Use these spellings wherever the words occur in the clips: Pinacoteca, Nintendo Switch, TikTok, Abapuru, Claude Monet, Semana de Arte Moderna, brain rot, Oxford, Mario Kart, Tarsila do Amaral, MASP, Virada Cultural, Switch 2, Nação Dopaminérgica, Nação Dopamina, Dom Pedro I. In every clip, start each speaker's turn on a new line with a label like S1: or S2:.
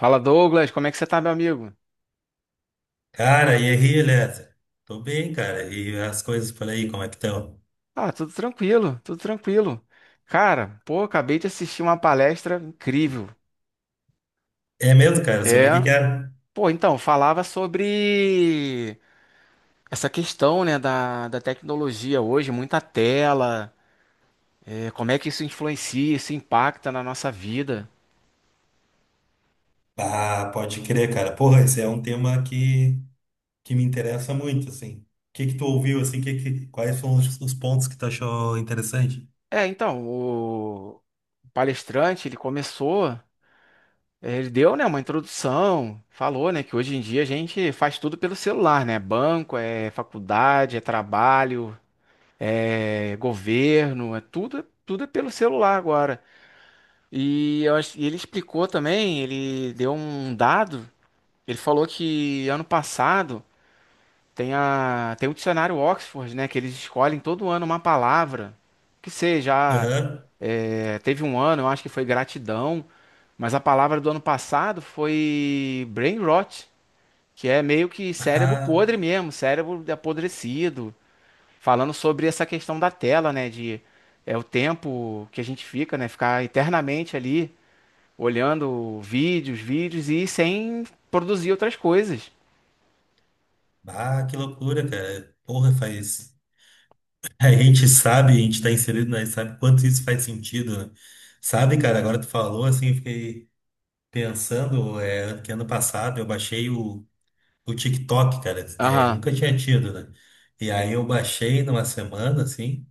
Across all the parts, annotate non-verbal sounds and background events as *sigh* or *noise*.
S1: Fala, Douglas, como é que você tá, meu amigo?
S2: Cara, e aí, Eliezer? Tô bem, cara. E as coisas por aí, como é que estão?
S1: Ah, tudo tranquilo, tudo tranquilo. Cara, pô, acabei de assistir uma palestra incrível.
S2: É mesmo, cara?
S1: É,
S2: Sobre o que que era?
S1: pô, então, falava sobre essa questão, né, da tecnologia hoje, muita tela, como é que isso influencia, isso impacta na nossa vida.
S2: Ah, pode crer, cara. Porra, esse é um tema que me interessa muito, assim. O que que tu ouviu, assim? Quais foram os pontos que tu achou interessante?
S1: O palestrante, ele começou. É, Ele deu, né, uma introdução, falou, né, que hoje em dia a gente faz tudo pelo celular, né? Banco, é faculdade, é trabalho, é governo, é tudo, é tudo é pelo celular agora. E ele explicou também, ele deu um dado, ele falou que ano passado tem o dicionário Oxford, né, que eles escolhem todo ano uma palavra que seja,
S2: Aham.
S1: é, teve um ano, eu acho que foi gratidão, mas a palavra do ano passado foi brain rot, que é meio que cérebro podre
S2: *laughs*
S1: mesmo, cérebro apodrecido, falando sobre essa questão da tela, né, de é o tempo que a gente fica, né, ficar eternamente ali olhando vídeos, vídeos e sem produzir outras coisas.
S2: Ah, ah, que loucura, cara. Porra, faz. *laughs* A gente sabe, a gente tá inserido, né? Sabe quanto isso faz sentido, né? Sabe, cara, agora tu falou, assim, eu fiquei pensando, é, que ano passado eu baixei o TikTok, cara, é, eu
S1: Aham,
S2: nunca tinha tido, né? E aí eu baixei numa semana, assim,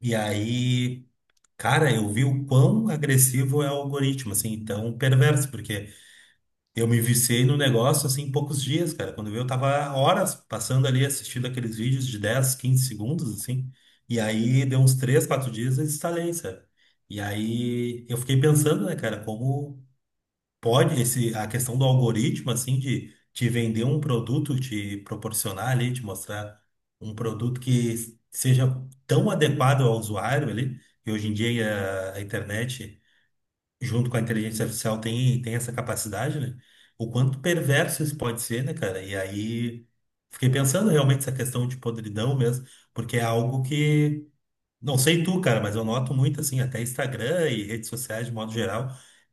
S2: e aí, cara, eu vi o quão agressivo é o algoritmo, assim, então perverso, porque eu me viciei no negócio, assim, em poucos dias, cara. Quando eu vi, eu tava horas passando ali assistindo aqueles vídeos de 10, 15 segundos, assim, e aí deu uns 3, 4 dias e instalei, sabe? E aí eu fiquei pensando, né, cara, como pode esse a questão do algoritmo assim de te vender um produto, te proporcionar ali, te mostrar um produto que seja tão adequado ao usuário ali. E hoje em dia a internet, junto com a inteligência artificial, tem essa capacidade, né? O quanto perverso isso pode ser, né, cara? E aí fiquei pensando realmente essa questão de podridão mesmo, porque é algo que não sei tu, cara, mas eu noto muito, assim, até Instagram e redes sociais de modo geral,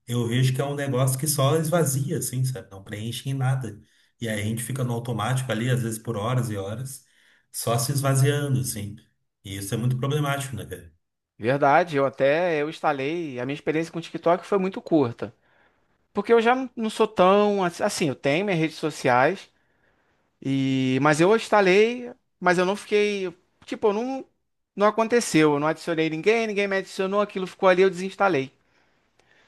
S2: eu vejo que é um negócio que só esvazia, assim, sabe? Não preenche em nada. E aí a gente fica no automático ali, às vezes por horas e horas, só se esvaziando, assim. E isso é muito problemático, né, cara?
S1: verdade. Eu instalei. A minha experiência com o TikTok foi muito curta. Porque eu já não sou tão. Assim, eu tenho minhas redes sociais, e, mas eu instalei, mas eu não fiquei, tipo, eu não, não aconteceu, eu não adicionei ninguém, ninguém me adicionou, aquilo ficou ali, eu desinstalei.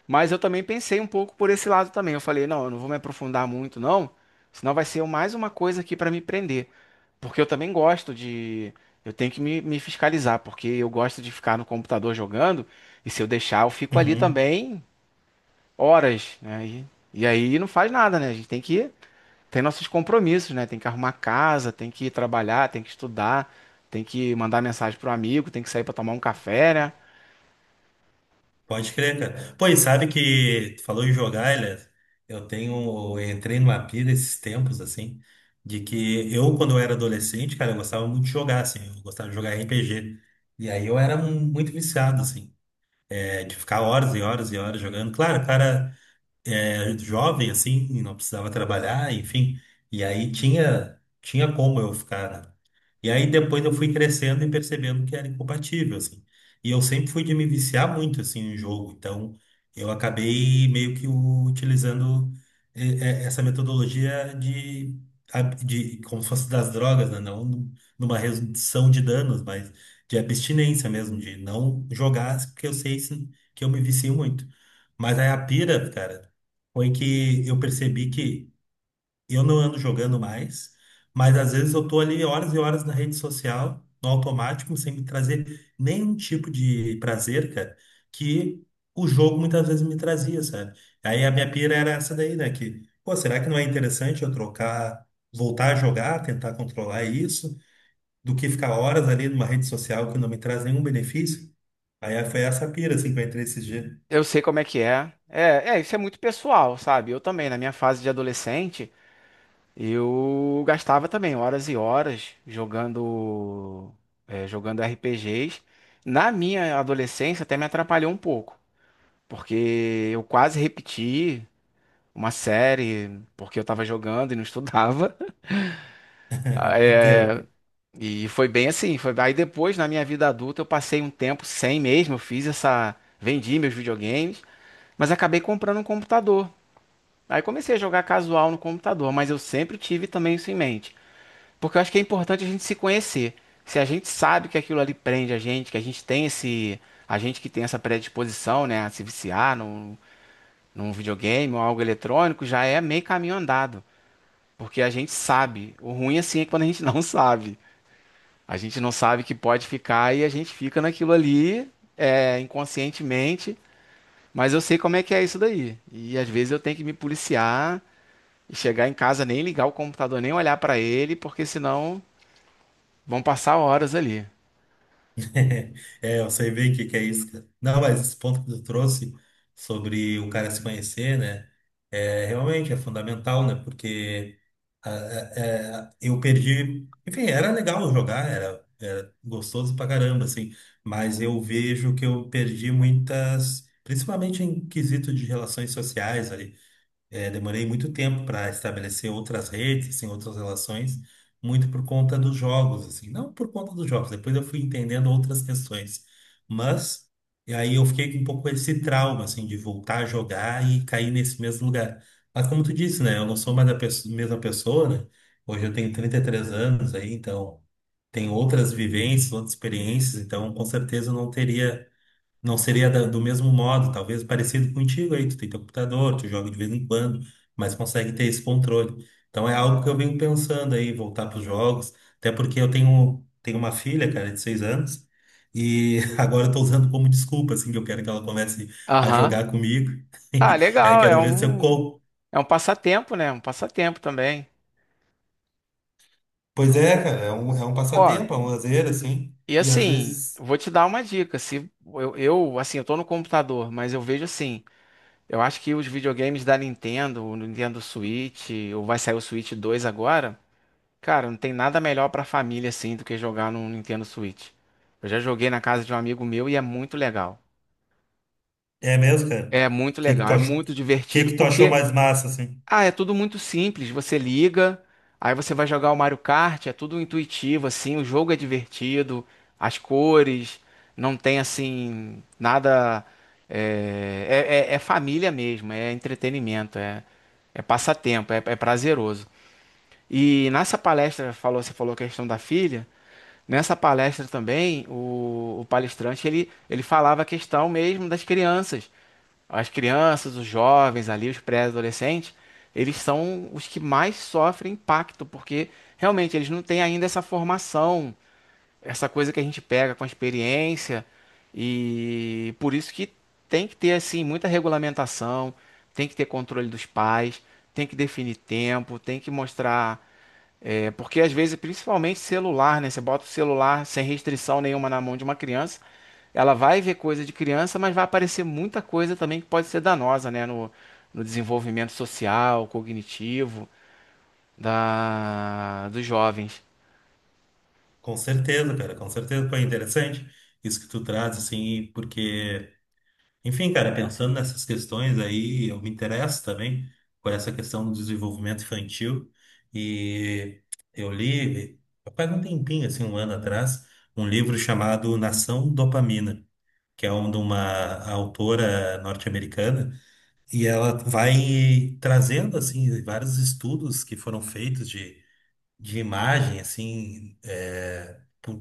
S1: Mas eu também pensei um pouco por esse lado também. Eu falei, não, eu não vou me aprofundar muito, não, senão vai ser mais uma coisa aqui para me prender. Porque eu também gosto de, eu tenho que me fiscalizar, porque eu gosto de ficar no computador jogando, e se eu deixar, eu fico ali
S2: Uhum.
S1: também horas, né? E aí não faz nada, né? A gente tem que Tem nossos compromissos, né? Tem que arrumar casa, tem que ir trabalhar, tem que estudar, tem que mandar mensagem pro amigo, tem que sair pra tomar um café, né?
S2: Pode crer, cara. Pô, e sabe que tu falou em jogar, Elias? Eu entrei numa pira esses tempos, assim, de que eu, quando eu era adolescente, cara, eu gostava muito de jogar, assim, eu gostava de jogar RPG. E aí eu era muito viciado, assim, é, de ficar horas e horas e horas jogando. Claro, cara é, jovem, assim, e não precisava trabalhar, enfim. E aí tinha como eu ficar, né? E aí depois eu fui crescendo e percebendo que era incompatível, assim. E eu sempre fui de me viciar muito, assim, em jogo. Então, eu acabei meio que utilizando eh, essa metodologia de como se fosse das drogas, né? Não numa redução de danos, mas de abstinência mesmo, de não jogar, porque eu sei que eu me vicio muito. Mas aí a pira, cara, foi que eu percebi que eu não ando jogando mais, mas às vezes eu tô ali horas e horas na rede social, no automático, sem me trazer nenhum tipo de prazer, cara, que o jogo muitas vezes me trazia, sabe? Aí a minha pira era essa daí, né? Que, pô, será que não é interessante eu trocar, voltar a jogar, tentar controlar isso, do que ficar horas ali numa rede social que não me traz nenhum benefício? Aí foi essa pira, assim, que eu entrei esses dias.
S1: Eu sei como é que é. Isso é muito pessoal, sabe? Eu também, na minha fase de adolescente, eu gastava também horas e horas jogando, jogando RPGs. Na minha adolescência até me atrapalhou um pouco, porque eu quase repeti uma série porque eu tava jogando e não estudava.
S2: Né?
S1: *laughs*
S2: Entendo.
S1: E foi bem assim, foi aí depois na minha vida adulta eu passei um tempo sem mesmo, eu fiz essa, vendi meus videogames, mas acabei comprando um computador. Aí comecei a jogar casual no computador, mas eu sempre tive também isso em mente, porque eu acho que é importante a gente se conhecer. Se a gente sabe que aquilo ali prende a gente, que a gente que tem essa predisposição, né, a se viciar num videogame ou algo eletrônico, já é meio caminho andado, porque a gente sabe. O ruim assim é quando a gente não *laughs* sabe. A gente não sabe que pode ficar e a gente fica naquilo ali, é, inconscientemente, mas eu sei como é que é isso daí. E às vezes eu tenho que me policiar e chegar em casa, nem ligar o computador, nem olhar pra ele, porque senão vão passar horas ali.
S2: *laughs* É, eu sei bem o que que é isso, cara. Não, mas esse ponto que tu trouxe sobre o cara se conhecer, né? É, realmente é fundamental, né? Porque eu perdi. Enfim, era legal jogar, era gostoso pra caramba, assim. Mas eu vejo que eu perdi muitas. Principalmente em quesito de relações sociais é, demorei muito tempo para estabelecer outras redes, assim, outras relações, muito por conta dos jogos, assim, não por conta dos jogos. Depois eu fui entendendo outras questões, mas e aí eu fiquei com um pouco esse trauma, assim, de voltar a jogar e cair nesse mesmo lugar. Mas como tu disse, né, eu não sou mais a mesma pessoa, né? Hoje eu tenho 33 anos aí, então tenho outras vivências, outras experiências, então com certeza eu não seria do mesmo modo, talvez parecido contigo aí, tu tem teu computador, tu joga de vez em quando, mas consegue ter esse controle. Então é algo que eu venho pensando aí, voltar para os jogos, até porque eu tenho uma filha, cara, de 6 anos, e *laughs* agora eu tô usando como desculpa, assim, que eu quero que ela comece a
S1: Aham.
S2: jogar comigo, *laughs*
S1: Ah,
S2: e aí
S1: legal,
S2: quero ver se eu
S1: é um passatempo, né? Um passatempo também.
S2: Pois é, cara, é um
S1: Ó,
S2: passatempo, é um lazer, assim,
S1: e
S2: e às
S1: assim,
S2: vezes.
S1: vou te dar uma dica. Se eu, eu, assim, eu tô no computador, mas eu vejo assim. Eu acho que os videogames da Nintendo, o Nintendo Switch, ou vai sair o Switch 2 agora, cara, não tem nada melhor pra família assim do que jogar no Nintendo Switch. Eu já joguei na casa de um amigo meu e é muito legal.
S2: É mesmo, cara?
S1: É muito legal, é
S2: O
S1: muito
S2: que
S1: divertido
S2: que tu achou
S1: porque,
S2: mais massa, assim?
S1: ah, é tudo muito simples. Você liga, aí você vai jogar o Mario Kart, é tudo intuitivo, assim, o jogo é divertido, as cores, não tem assim, nada. É, é família mesmo, é entretenimento, é, é passatempo, é, é prazeroso. E nessa palestra, falou, você falou a questão da filha, nessa palestra também, o palestrante ele falava a questão mesmo das crianças. As crianças, os jovens ali, os pré-adolescentes, eles são os que mais sofrem impacto, porque realmente eles não têm ainda essa formação, essa coisa que a gente pega com a experiência, e por isso que tem que ter assim muita regulamentação, tem que ter controle dos pais, tem que definir tempo, tem que mostrar é porque às vezes, principalmente celular, né? Você bota o celular sem restrição nenhuma na mão de uma criança, ela vai ver coisa de criança, mas vai aparecer muita coisa também que pode ser danosa, né? No, no desenvolvimento social, cognitivo dos jovens.
S2: Com certeza, cara, com certeza. Foi interessante isso que tu traz, assim, porque, enfim, cara, pensando nessas questões aí, eu me interesso também por essa questão do desenvolvimento infantil. E eu li, faz um tempinho, assim, um ano atrás, um livro chamado Nação Dopamina, que é de uma autora norte-americana, e ela vai trazendo, assim, vários estudos que foram feitos de imagem, assim, é, por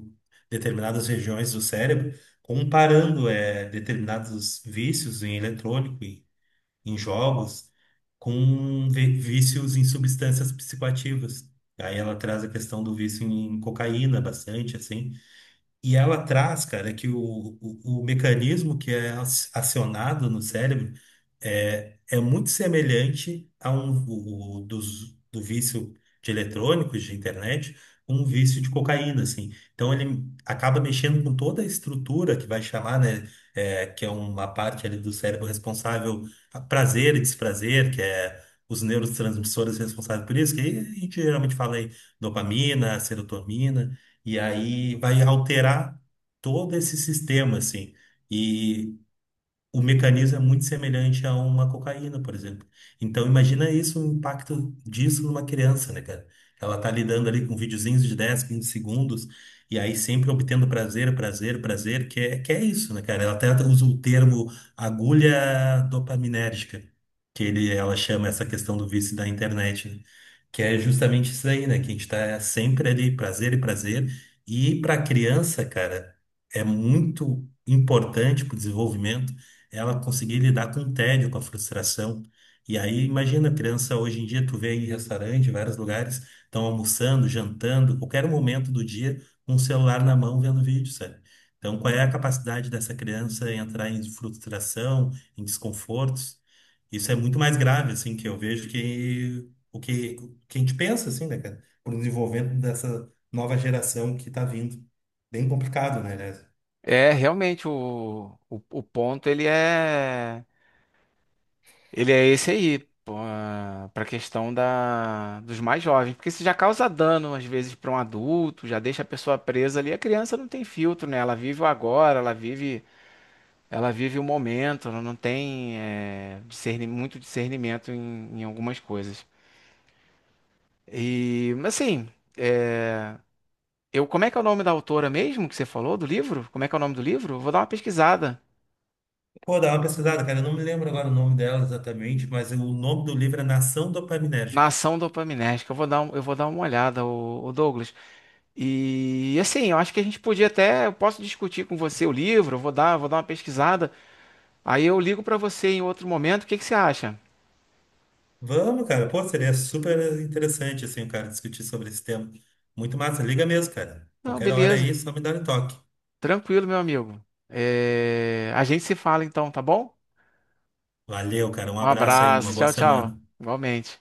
S2: determinadas regiões do cérebro, comparando é, determinados vícios em eletrônico, e em jogos, com vícios em substâncias psicoativas. Aí ela traz a questão do vício em cocaína bastante, assim, e ela traz, cara, que o mecanismo que é acionado no cérebro é muito semelhante a um o- dos, do vício de eletrônicos, de internet, um vício de cocaína, assim. Então ele acaba mexendo com toda a estrutura que vai chamar, né, é, que é uma parte ali do cérebro responsável a prazer e desprazer, que é os neurotransmissores responsáveis por isso, que a gente geralmente fala aí dopamina, serotonina. E aí vai alterar todo esse sistema, assim. E o mecanismo é muito semelhante a uma cocaína, por exemplo. Então, imagina isso, o impacto disso numa criança, né, cara? Ela tá lidando ali com videozinhos de 10, 15 segundos, e aí sempre obtendo prazer, prazer, prazer, que é isso, né, cara? Ela até usa o termo agulha dopaminérgica, que ela chama essa questão do vício da internet, né? Que é justamente isso aí, né? Que a gente tá sempre ali, prazer e prazer. E pra criança, cara, é muito importante para o desenvolvimento ela conseguir lidar com o tédio, com a frustração. E aí, imagina, criança, hoje em dia tu vê em restaurante, em vários lugares, estão almoçando, jantando, qualquer momento do dia, com o celular na mão vendo vídeo, sabe? Então, qual é a capacidade dessa criança em entrar em frustração, em desconfortos? Isso é muito mais grave, assim, que eu vejo que a gente pensa, assim, né, cara? Por um desenvolvimento dessa nova geração que tá vindo. Bem complicado, né, aliás?
S1: É, realmente, o ponto ele é esse aí, para a questão dos mais jovens, porque isso já causa dano às vezes para um adulto, já deixa a pessoa presa ali. A criança não tem filtro, né? Ela vive o agora, ela vive o momento, ela não tem é, muito discernimento em algumas coisas. E, mas assim, é, eu, como é que é o nome da autora mesmo que você falou do livro? Como é que é o nome do livro? Eu vou dar uma pesquisada.
S2: Pô, dá uma pesquisada, cara. Eu não me lembro agora o nome dela exatamente, mas o nome do livro é Nação Dopaminérgica.
S1: Nação Dopaminérgica, eu vou dar uma olhada, o, Douglas. E assim, eu acho que a gente podia até, eu posso discutir com você o livro, vou dar uma pesquisada. Aí eu ligo pra você em outro momento, o que que você acha?
S2: Vamos, cara. Pô, seria super interessante, assim, o cara discutir sobre esse tema. Muito massa. Liga mesmo, cara.
S1: Não,
S2: Qualquer hora
S1: beleza.
S2: aí, só me dá um toque.
S1: Tranquilo, meu amigo. É, a gente se fala então, tá bom?
S2: Valeu, cara. Um
S1: Um
S2: abraço aí, uma
S1: abraço,
S2: boa
S1: tchau, tchau.
S2: semana.
S1: Igualmente.